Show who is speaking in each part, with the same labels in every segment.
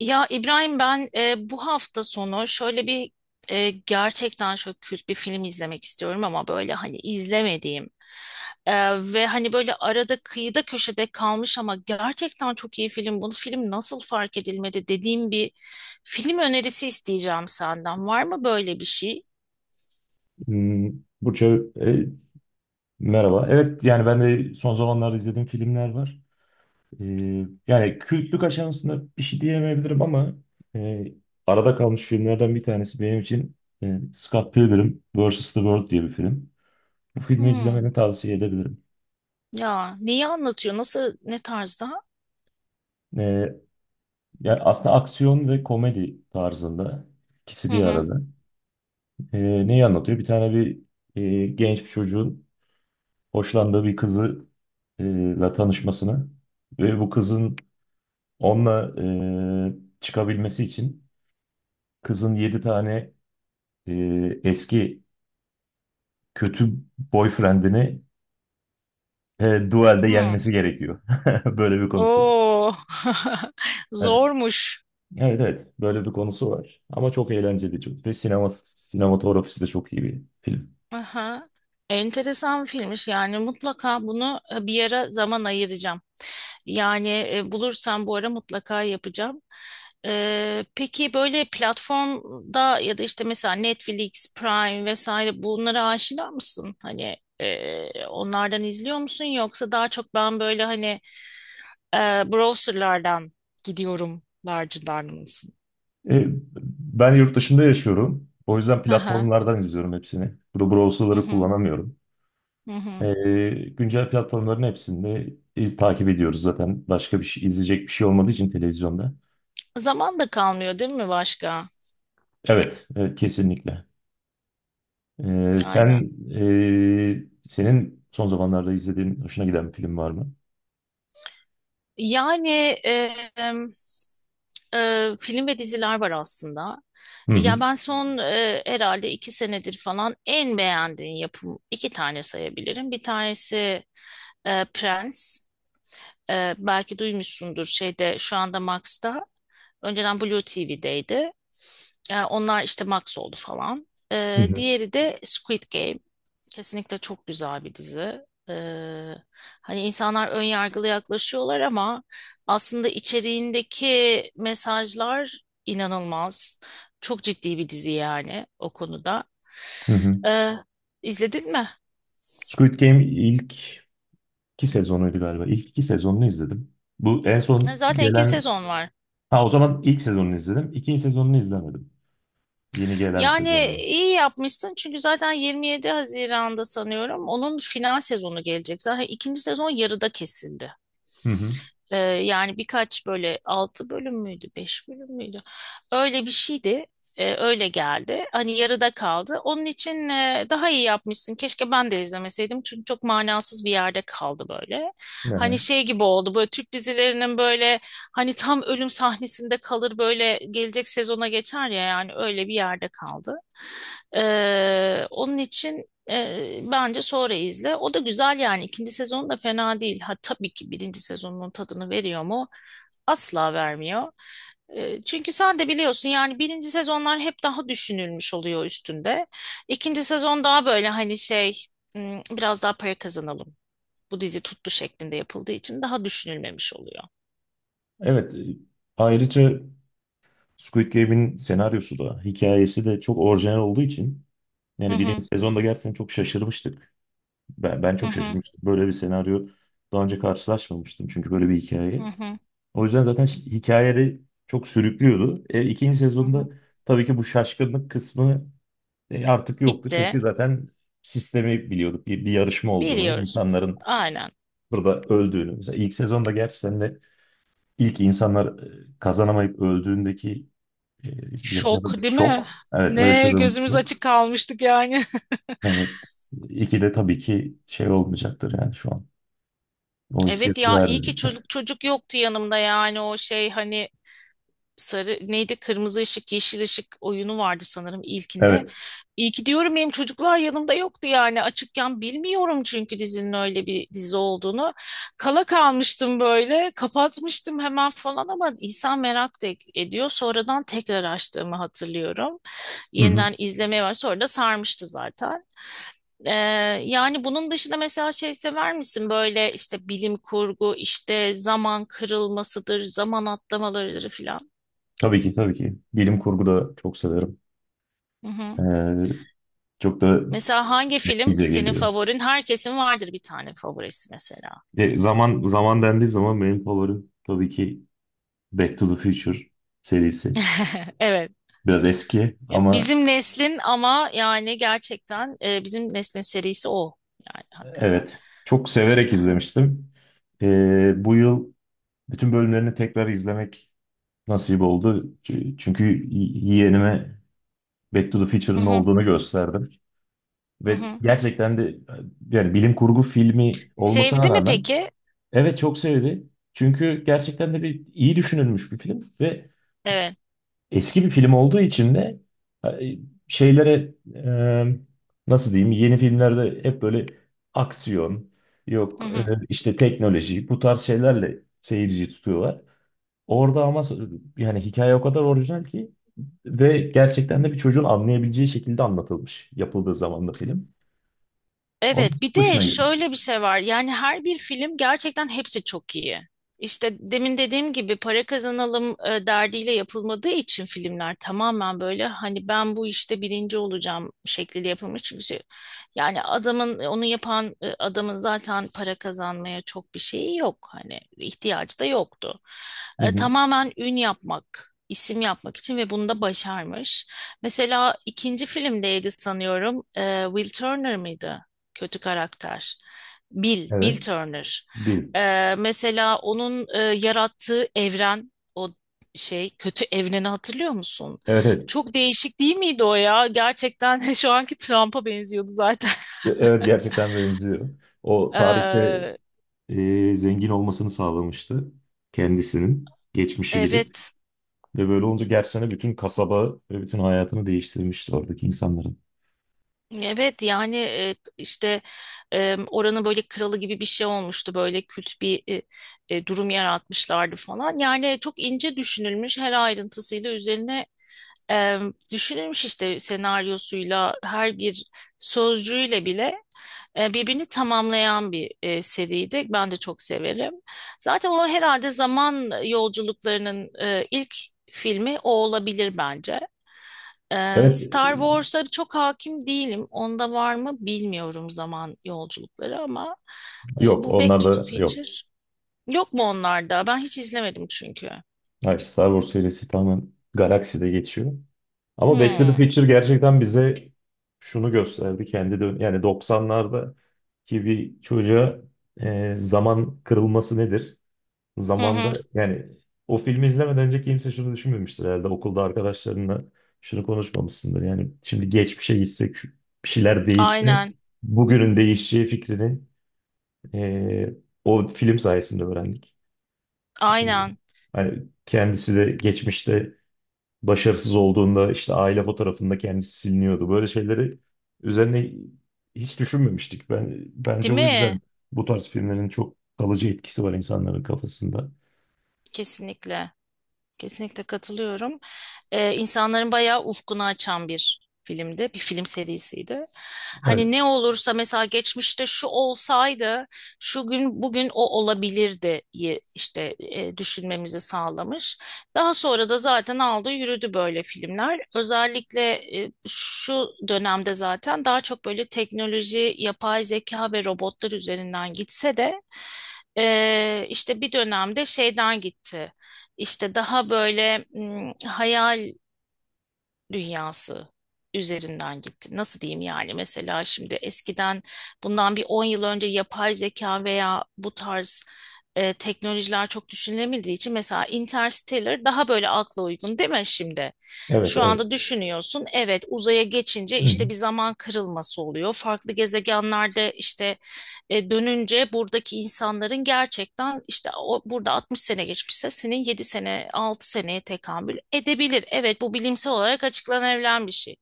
Speaker 1: Ya İbrahim, ben bu hafta sonu şöyle bir gerçekten çok kült bir film izlemek istiyorum, ama böyle hani izlemediğim e, ve hani böyle arada kıyıda köşede kalmış ama gerçekten çok iyi film. Bu film nasıl fark edilmedi dediğim bir film önerisi isteyeceğim senden. Var mı böyle bir şey?
Speaker 2: Hmm, Burça, merhaba. Evet, yani ben de son zamanlarda izlediğim filmler var. E, Yani kültlük aşamasında bir şey diyemeyebilirim ama e, arada kalmış filmlerden bir tanesi benim için Scott Pilgrim vs. The World diye bir film. Bu filmi
Speaker 1: Hmm.
Speaker 2: izlemeni tavsiye edebilirim.
Speaker 1: Ya neyi anlatıyor? Nasıl, ne tarzda?
Speaker 2: E, Yani aslında aksiyon ve komedi tarzında ikisi
Speaker 1: Hı
Speaker 2: bir
Speaker 1: hı.
Speaker 2: arada. Neyi anlatıyor? Bir genç bir çocuğun hoşlandığı bir kızı ile tanışmasını ve bu kızın onunla çıkabilmesi için kızın 7 tane e, eski kötü boyfriendini e, duelde
Speaker 1: Hı.
Speaker 2: yenmesi gerekiyor. Böyle bir konusu.
Speaker 1: Oo.
Speaker 2: Evet,
Speaker 1: Zormuş.
Speaker 2: evet. Böyle bir konusu var. Ama çok eğlenceli çok. Ve sinematografisi de çok iyi bir film.
Speaker 1: Aha. Enteresan bir filmmiş, yani mutlaka bunu bir ara zaman ayıracağım. Yani bulursam bu ara mutlaka yapacağım. Peki, böyle platformda ya da işte mesela Netflix, Prime vesaire, bunlara aşina mısın? Hani onlardan izliyor musun, yoksa daha çok ben böyle hani e, browserlardan gidiyorum larcılar mısın?
Speaker 2: E, Ben yurt dışında yaşıyorum. O yüzden
Speaker 1: Hı hı.
Speaker 2: platformlardan izliyorum hepsini. Bu
Speaker 1: Hı
Speaker 2: browserları
Speaker 1: hı.
Speaker 2: kullanamıyorum.
Speaker 1: Hı hı.
Speaker 2: E, Güncel platformların hepsinde takip ediyoruz zaten. Başka bir şey, izleyecek bir şey olmadığı için televizyonda.
Speaker 1: Zaman da kalmıyor değil mi başka?
Speaker 2: Evet, evet kesinlikle.
Speaker 1: Aynen.
Speaker 2: Sen, senin son zamanlarda izlediğin hoşuna giden bir film var mı?
Speaker 1: Yani e, film ve diziler var aslında.
Speaker 2: Hı hı.
Speaker 1: Ya ben son herhalde iki senedir falan en beğendiğim yapım, iki tane sayabilirim. Bir tanesi Prens. Belki duymuşsundur, şeyde şu anda Max'ta. Önceden Blue TV'deydi. Onlar işte Max oldu falan.
Speaker 2: Hı hı.
Speaker 1: Diğeri de Squid Game. Kesinlikle çok güzel bir dizi. Ee, Hani insanlar ön yargılı yaklaşıyorlar ama aslında içeriğindeki mesajlar inanılmaz. Çok ciddi bir dizi yani o konuda.
Speaker 2: Hı hı.
Speaker 1: Ee, izledin mi?
Speaker 2: Squid Game ilk iki sezonuydu galiba. İlk iki sezonunu izledim. Bu en son
Speaker 1: Zaten iki
Speaker 2: gelen...
Speaker 1: sezon var.
Speaker 2: Ha o zaman ilk sezonunu izledim. İkinci sezonunu izlemedim. Yeni gelen
Speaker 1: Yani
Speaker 2: sezonunu.
Speaker 1: iyi yapmışsın, çünkü zaten 27 Haziran'da sanıyorum onun final sezonu gelecek. Zaten ikinci sezon yarıda kesildi.
Speaker 2: Hı hı.
Speaker 1: Yani birkaç, böyle altı bölüm müydü, beş bölüm müydü? Öyle bir şeydi. Öyle geldi. Hani yarıda kaldı. Onun için daha iyi yapmışsın. Keşke ben de izlemeseydim. Çünkü çok manasız bir yerde kaldı böyle. Hani
Speaker 2: Aha.
Speaker 1: şey gibi oldu. Böyle Türk dizilerinin böyle hani tam ölüm sahnesinde kalır böyle, gelecek sezona geçer ya, yani öyle bir yerde kaldı. Onun için bence sonra izle. O da güzel yani. İkinci sezon da fena değil. Ha, tabii ki birinci sezonun tadını veriyor mu? Asla vermiyor. Çünkü sen de biliyorsun, yani birinci sezonlar hep daha düşünülmüş oluyor üstünde. İkinci sezon daha böyle hani şey, biraz daha para kazanalım. Bu dizi tuttu şeklinde yapıldığı için daha düşünülmemiş oluyor.
Speaker 2: Evet. Ayrıca Squid Game'in senaryosu da, hikayesi de çok orijinal olduğu için
Speaker 1: Hı
Speaker 2: yani birinci
Speaker 1: hı.
Speaker 2: sezonda gerçekten çok şaşırmıştık. Ben
Speaker 1: Hı
Speaker 2: çok
Speaker 1: hı.
Speaker 2: şaşırmıştım. Böyle bir senaryo daha önce karşılaşmamıştım çünkü böyle bir
Speaker 1: Hı
Speaker 2: hikaye.
Speaker 1: hı.
Speaker 2: O yüzden zaten hikayeleri çok sürüklüyordu. İkinci
Speaker 1: Hı
Speaker 2: sezonda
Speaker 1: hı.
Speaker 2: tabii ki bu şaşkınlık kısmı artık yoktu. Çünkü
Speaker 1: Bitti.
Speaker 2: zaten sistemi biliyorduk. Bir yarışma olduğunu,
Speaker 1: Biliyoruz.
Speaker 2: insanların
Speaker 1: Aynen.
Speaker 2: burada öldüğünü. Mesela ilk sezonda gerçi sen de ilk insanlar kazanamayıp öldüğündeki e,
Speaker 1: Şok
Speaker 2: yaşadığımız
Speaker 1: değil mi?
Speaker 2: şok. Evet, o
Speaker 1: Ne
Speaker 2: yaşadığımız
Speaker 1: gözümüz
Speaker 2: şok.
Speaker 1: açık kalmıştık yani.
Speaker 2: Yani iki de tabii ki şey olmayacaktır yani şu an. O
Speaker 1: Evet,
Speaker 2: hissiyatı
Speaker 1: ya iyi ki
Speaker 2: vermeyecek.
Speaker 1: çocuk çocuk yoktu yanımda, yani o şey hani sarı neydi, kırmızı ışık yeşil ışık oyunu vardı sanırım ilkinde.
Speaker 2: Evet.
Speaker 1: İyi ki diyorum benim çocuklar yanımda yoktu, yani açıkken bilmiyorum çünkü dizinin öyle bir dizi olduğunu. Kala kalmıştım böyle, kapatmıştım hemen falan, ama insan merak da ediyor. Sonradan tekrar açtığımı hatırlıyorum.
Speaker 2: Hı hı.
Speaker 1: Yeniden izlemeye var, sonra da sarmıştı zaten. Ee, Yani bunun dışında mesela şey sever misin? Böyle işte bilim kurgu, işte zaman kırılmasıdır, zaman atlamalarıdır filan.
Speaker 2: Tabii ki tabii ki. Bilim kurgu da çok severim.
Speaker 1: Hı hı.
Speaker 2: Ee, Çok da
Speaker 1: Mesela hangi film
Speaker 2: bize
Speaker 1: senin
Speaker 2: geliyor.
Speaker 1: favorin? Herkesin vardır bir tane favorisi mesela.
Speaker 2: Zaman zaman dendiği zaman benim favorim tabii ki Back to the Future serisi.
Speaker 1: Evet.
Speaker 2: Biraz eski
Speaker 1: Ya,
Speaker 2: ama
Speaker 1: bizim neslin, ama yani gerçekten bizim neslin serisi o. Yani hakikaten.
Speaker 2: evet çok severek
Speaker 1: Aha.
Speaker 2: izlemiştim. Bu yıl bütün bölümlerini tekrar izlemek nasip oldu. Çünkü yeğenime Back to the
Speaker 1: Hı
Speaker 2: Future'ın ne
Speaker 1: hı.
Speaker 2: olduğunu gösterdim.
Speaker 1: Hı
Speaker 2: Ve
Speaker 1: hı.
Speaker 2: gerçekten de yani bilim kurgu filmi olmasına
Speaker 1: Sevdi mi
Speaker 2: rağmen
Speaker 1: peki?
Speaker 2: evet çok sevdi. Çünkü gerçekten de bir iyi düşünülmüş bir film ve
Speaker 1: Evet.
Speaker 2: eski bir film olduğu için de e, şeylere nasıl diyeyim, yeni filmlerde hep böyle aksiyon
Speaker 1: Hı
Speaker 2: yok,
Speaker 1: hı.
Speaker 2: işte teknoloji bu tarz şeylerle seyirciyi tutuyorlar. Orada ama yani hikaye o kadar orijinal ki ve gerçekten de bir çocuğun anlayabileceği şekilde anlatılmış yapıldığı zaman da film. Onun
Speaker 1: Evet, bir
Speaker 2: çok
Speaker 1: de
Speaker 2: hoşuna gitmiş.
Speaker 1: şöyle bir şey var. Yani her bir film gerçekten hepsi çok iyi. İşte demin dediğim gibi para kazanalım derdiyle yapılmadığı için filmler tamamen böyle hani ben bu işte birinci olacağım şekliyle yapılmış. Çünkü yani adamın onu yapan adamın zaten para kazanmaya çok bir şeyi yok. Hani ihtiyacı da yoktu.
Speaker 2: Hı hı.
Speaker 1: Tamamen ün yapmak, isim yapmak için, ve bunu da başarmış. Mesela ikinci filmdeydi sanıyorum. Will Turner mıydı? Kötü karakter. Bill
Speaker 2: Evet.
Speaker 1: Turner.
Speaker 2: Bil.
Speaker 1: Mesela onun yarattığı evren, o şey kötü evreni hatırlıyor musun?
Speaker 2: Evet evet.
Speaker 1: Çok değişik değil miydi o ya? Gerçekten şu anki Trump'a benziyordu zaten.
Speaker 2: Evet gerçekten benziyor. O tarihte
Speaker 1: Ee,
Speaker 2: zengin olmasını sağlamıştı kendisinin geçmişe gidip
Speaker 1: evet.
Speaker 2: ve böyle olunca gerçekten bütün kasaba ve bütün hayatını değiştirmişti oradaki insanların.
Speaker 1: Evet yani işte oranın böyle kralı gibi bir şey olmuştu, böyle kült bir durum yaratmışlardı falan. Yani çok ince düşünülmüş, her ayrıntısıyla üzerine Ee, düşünülmüş işte, senaryosuyla, her bir sözcüğüyle bile birbirini tamamlayan bir seriydi. Ben de çok severim. Zaten o herhalde zaman yolculuklarının ilk filmi o olabilir bence.
Speaker 2: Evet
Speaker 1: Star Wars'a çok hakim değilim. Onda var mı bilmiyorum zaman yolculukları, ama
Speaker 2: yok
Speaker 1: bu Back to the
Speaker 2: onlarla yok.
Speaker 1: Future yok mu onlarda? Ben hiç izlemedim çünkü.
Speaker 2: Hayır, Star Wars serisi tamamen galakside geçiyor. Ama Back to the
Speaker 1: Hmm.
Speaker 2: Future gerçekten bize şunu gösterdi kendi dön yani 90'larda ki bir çocuğa zaman kırılması nedir?
Speaker 1: Hı hı.
Speaker 2: Zamanda yani o filmi izlemeden önce kimse şunu düşünmemiştir herhalde. Okulda arkadaşlarınla şunu konuşmamışsındır. Yani şimdi geçmişe gitsek bir şeyler değişse
Speaker 1: Aynen.
Speaker 2: bugünün değişeceği fikrini eee, o film sayesinde öğrendik. Eee,
Speaker 1: Aynen.
Speaker 2: Hani kendisi de geçmişte başarısız olduğunda işte aile fotoğrafında kendisi siliniyordu. Böyle şeyleri üzerine hiç düşünmemiştik. Ben bence
Speaker 1: Değil
Speaker 2: o
Speaker 1: mi?
Speaker 2: yüzden bu tarz filmlerin çok kalıcı etkisi var insanların kafasında.
Speaker 1: Kesinlikle. Kesinlikle katılıyorum. İnsanların bayağı ufkunu açan bir filmdi. Bir film serisiydi.
Speaker 2: Evet.
Speaker 1: Hani ne olursa mesela geçmişte şu olsaydı, şu gün bugün o olabilirdi işte düşünmemizi sağlamış. Daha sonra da zaten aldı yürüdü böyle filmler. Özellikle şu dönemde zaten daha çok böyle teknoloji, yapay zeka ve robotlar üzerinden gitse de işte bir dönemde şeyden gitti. İşte daha böyle, hayal dünyası üzerinden gitti. Nasıl diyeyim, yani mesela şimdi eskiden bundan bir 10 yıl önce yapay zeka veya bu tarz teknolojiler çok düşünülemediği için mesela Interstellar daha böyle akla uygun değil mi şimdi?
Speaker 2: Evet,
Speaker 1: Şu
Speaker 2: evet.
Speaker 1: anda düşünüyorsun, evet, uzaya geçince
Speaker 2: Hı
Speaker 1: işte
Speaker 2: hı.
Speaker 1: bir zaman kırılması oluyor. Farklı gezegenlerde işte dönünce buradaki insanların gerçekten işte o, burada 60 sene geçmişse senin 7 sene 6 seneye tekamül edebilir. Evet, bu bilimsel olarak açıklanabilen bir şey.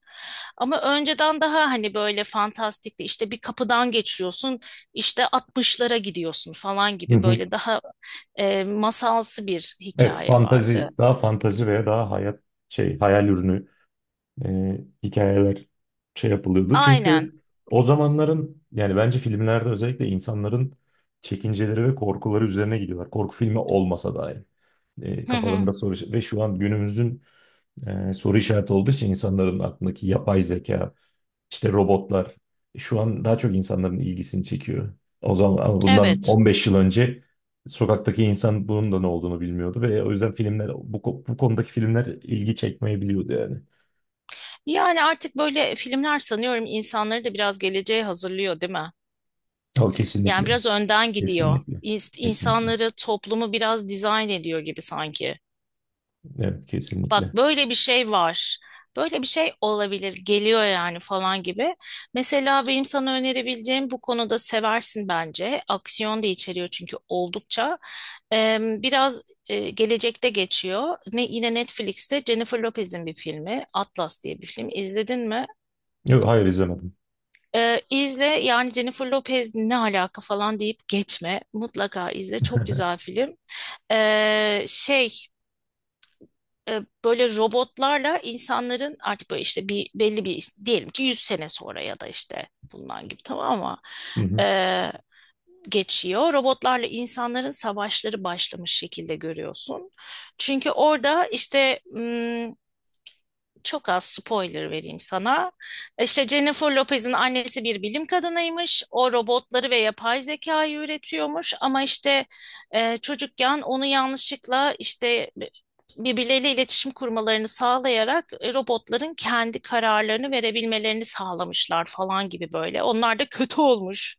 Speaker 1: Ama önceden daha hani böyle fantastikti, işte bir kapıdan geçiyorsun işte 60'lara gidiyorsun falan
Speaker 2: Hı
Speaker 1: gibi,
Speaker 2: hı.
Speaker 1: böyle daha masalsı bir
Speaker 2: Evet,
Speaker 1: hikaye vardı.
Speaker 2: fantazi, daha fantazi veya daha hayat şey hayal ürünü hikayeler şey yapılıyordu.
Speaker 1: Aynen.
Speaker 2: Çünkü o zamanların yani bence filmlerde özellikle insanların çekinceleri ve korkuları üzerine gidiyorlar. Korku filmi olmasa dahi.
Speaker 1: Hı hı.
Speaker 2: Kafalarında soru ve şu an günümüzün soru işareti olduğu için insanların aklındaki yapay zeka, İşte robotlar şu an daha çok insanların ilgisini çekiyor. O zaman ama bundan
Speaker 1: Evet.
Speaker 2: 15 yıl önce sokaktaki insan bunun da ne olduğunu bilmiyordu ve o yüzden filmler bu konudaki filmler ilgi çekmeyebiliyordu yani.
Speaker 1: Yani artık böyle filmler sanıyorum insanları da biraz geleceğe hazırlıyor, değil mi?
Speaker 2: O
Speaker 1: Yani
Speaker 2: kesinlikle.
Speaker 1: biraz önden gidiyor.
Speaker 2: Kesinlikle.
Speaker 1: İns-
Speaker 2: Kesinlikle.
Speaker 1: İnsanları, toplumu biraz dizayn ediyor gibi sanki.
Speaker 2: Evet
Speaker 1: Bak,
Speaker 2: kesinlikle.
Speaker 1: böyle bir şey var. Böyle bir şey olabilir, geliyor yani, falan gibi. Mesela benim sana önerebileceğim bu konuda, seversin bence. Aksiyon da içeriyor çünkü oldukça. Biraz gelecekte geçiyor. Ne, yine Netflix'te Jennifer Lopez'in bir filmi. Atlas diye bir film. İzledin mi?
Speaker 2: Yok hayır izlemedim.
Speaker 1: İzle yani, Jennifer Lopez ne alaka falan deyip geçme. Mutlaka izle. Çok güzel film. Şey, böyle robotlarla insanların artık böyle işte bir belli bir diyelim ki 100 sene sonra, ya da işte bundan gibi, tamam mı?
Speaker 2: Hı hı.
Speaker 1: Ee, Geçiyor. Robotlarla insanların savaşları başlamış şekilde görüyorsun. Çünkü orada işte, çok az spoiler vereyim sana. İşte Jennifer Lopez'in annesi bir bilim kadınıymış. O robotları ve yapay zekayı üretiyormuş. Ama işte çocukken onu yanlışlıkla işte birbirleriyle iletişim kurmalarını sağlayarak robotların kendi kararlarını verebilmelerini sağlamışlar falan gibi böyle. Onlar da kötü olmuş.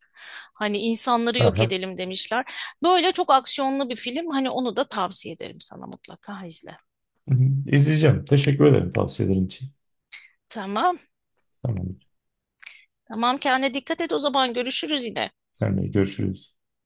Speaker 1: Hani insanları yok
Speaker 2: Aha.
Speaker 1: edelim demişler. Böyle çok aksiyonlu bir film. Hani onu da tavsiye ederim, sana mutlaka izle.
Speaker 2: Hı hı. İzleyeceğim. Teşekkür ederim tavsiyelerin için.
Speaker 1: Tamam.
Speaker 2: Tamam.
Speaker 1: Tamam, kendine dikkat et o zaman, görüşürüz yine.
Speaker 2: Senle görüşürüz.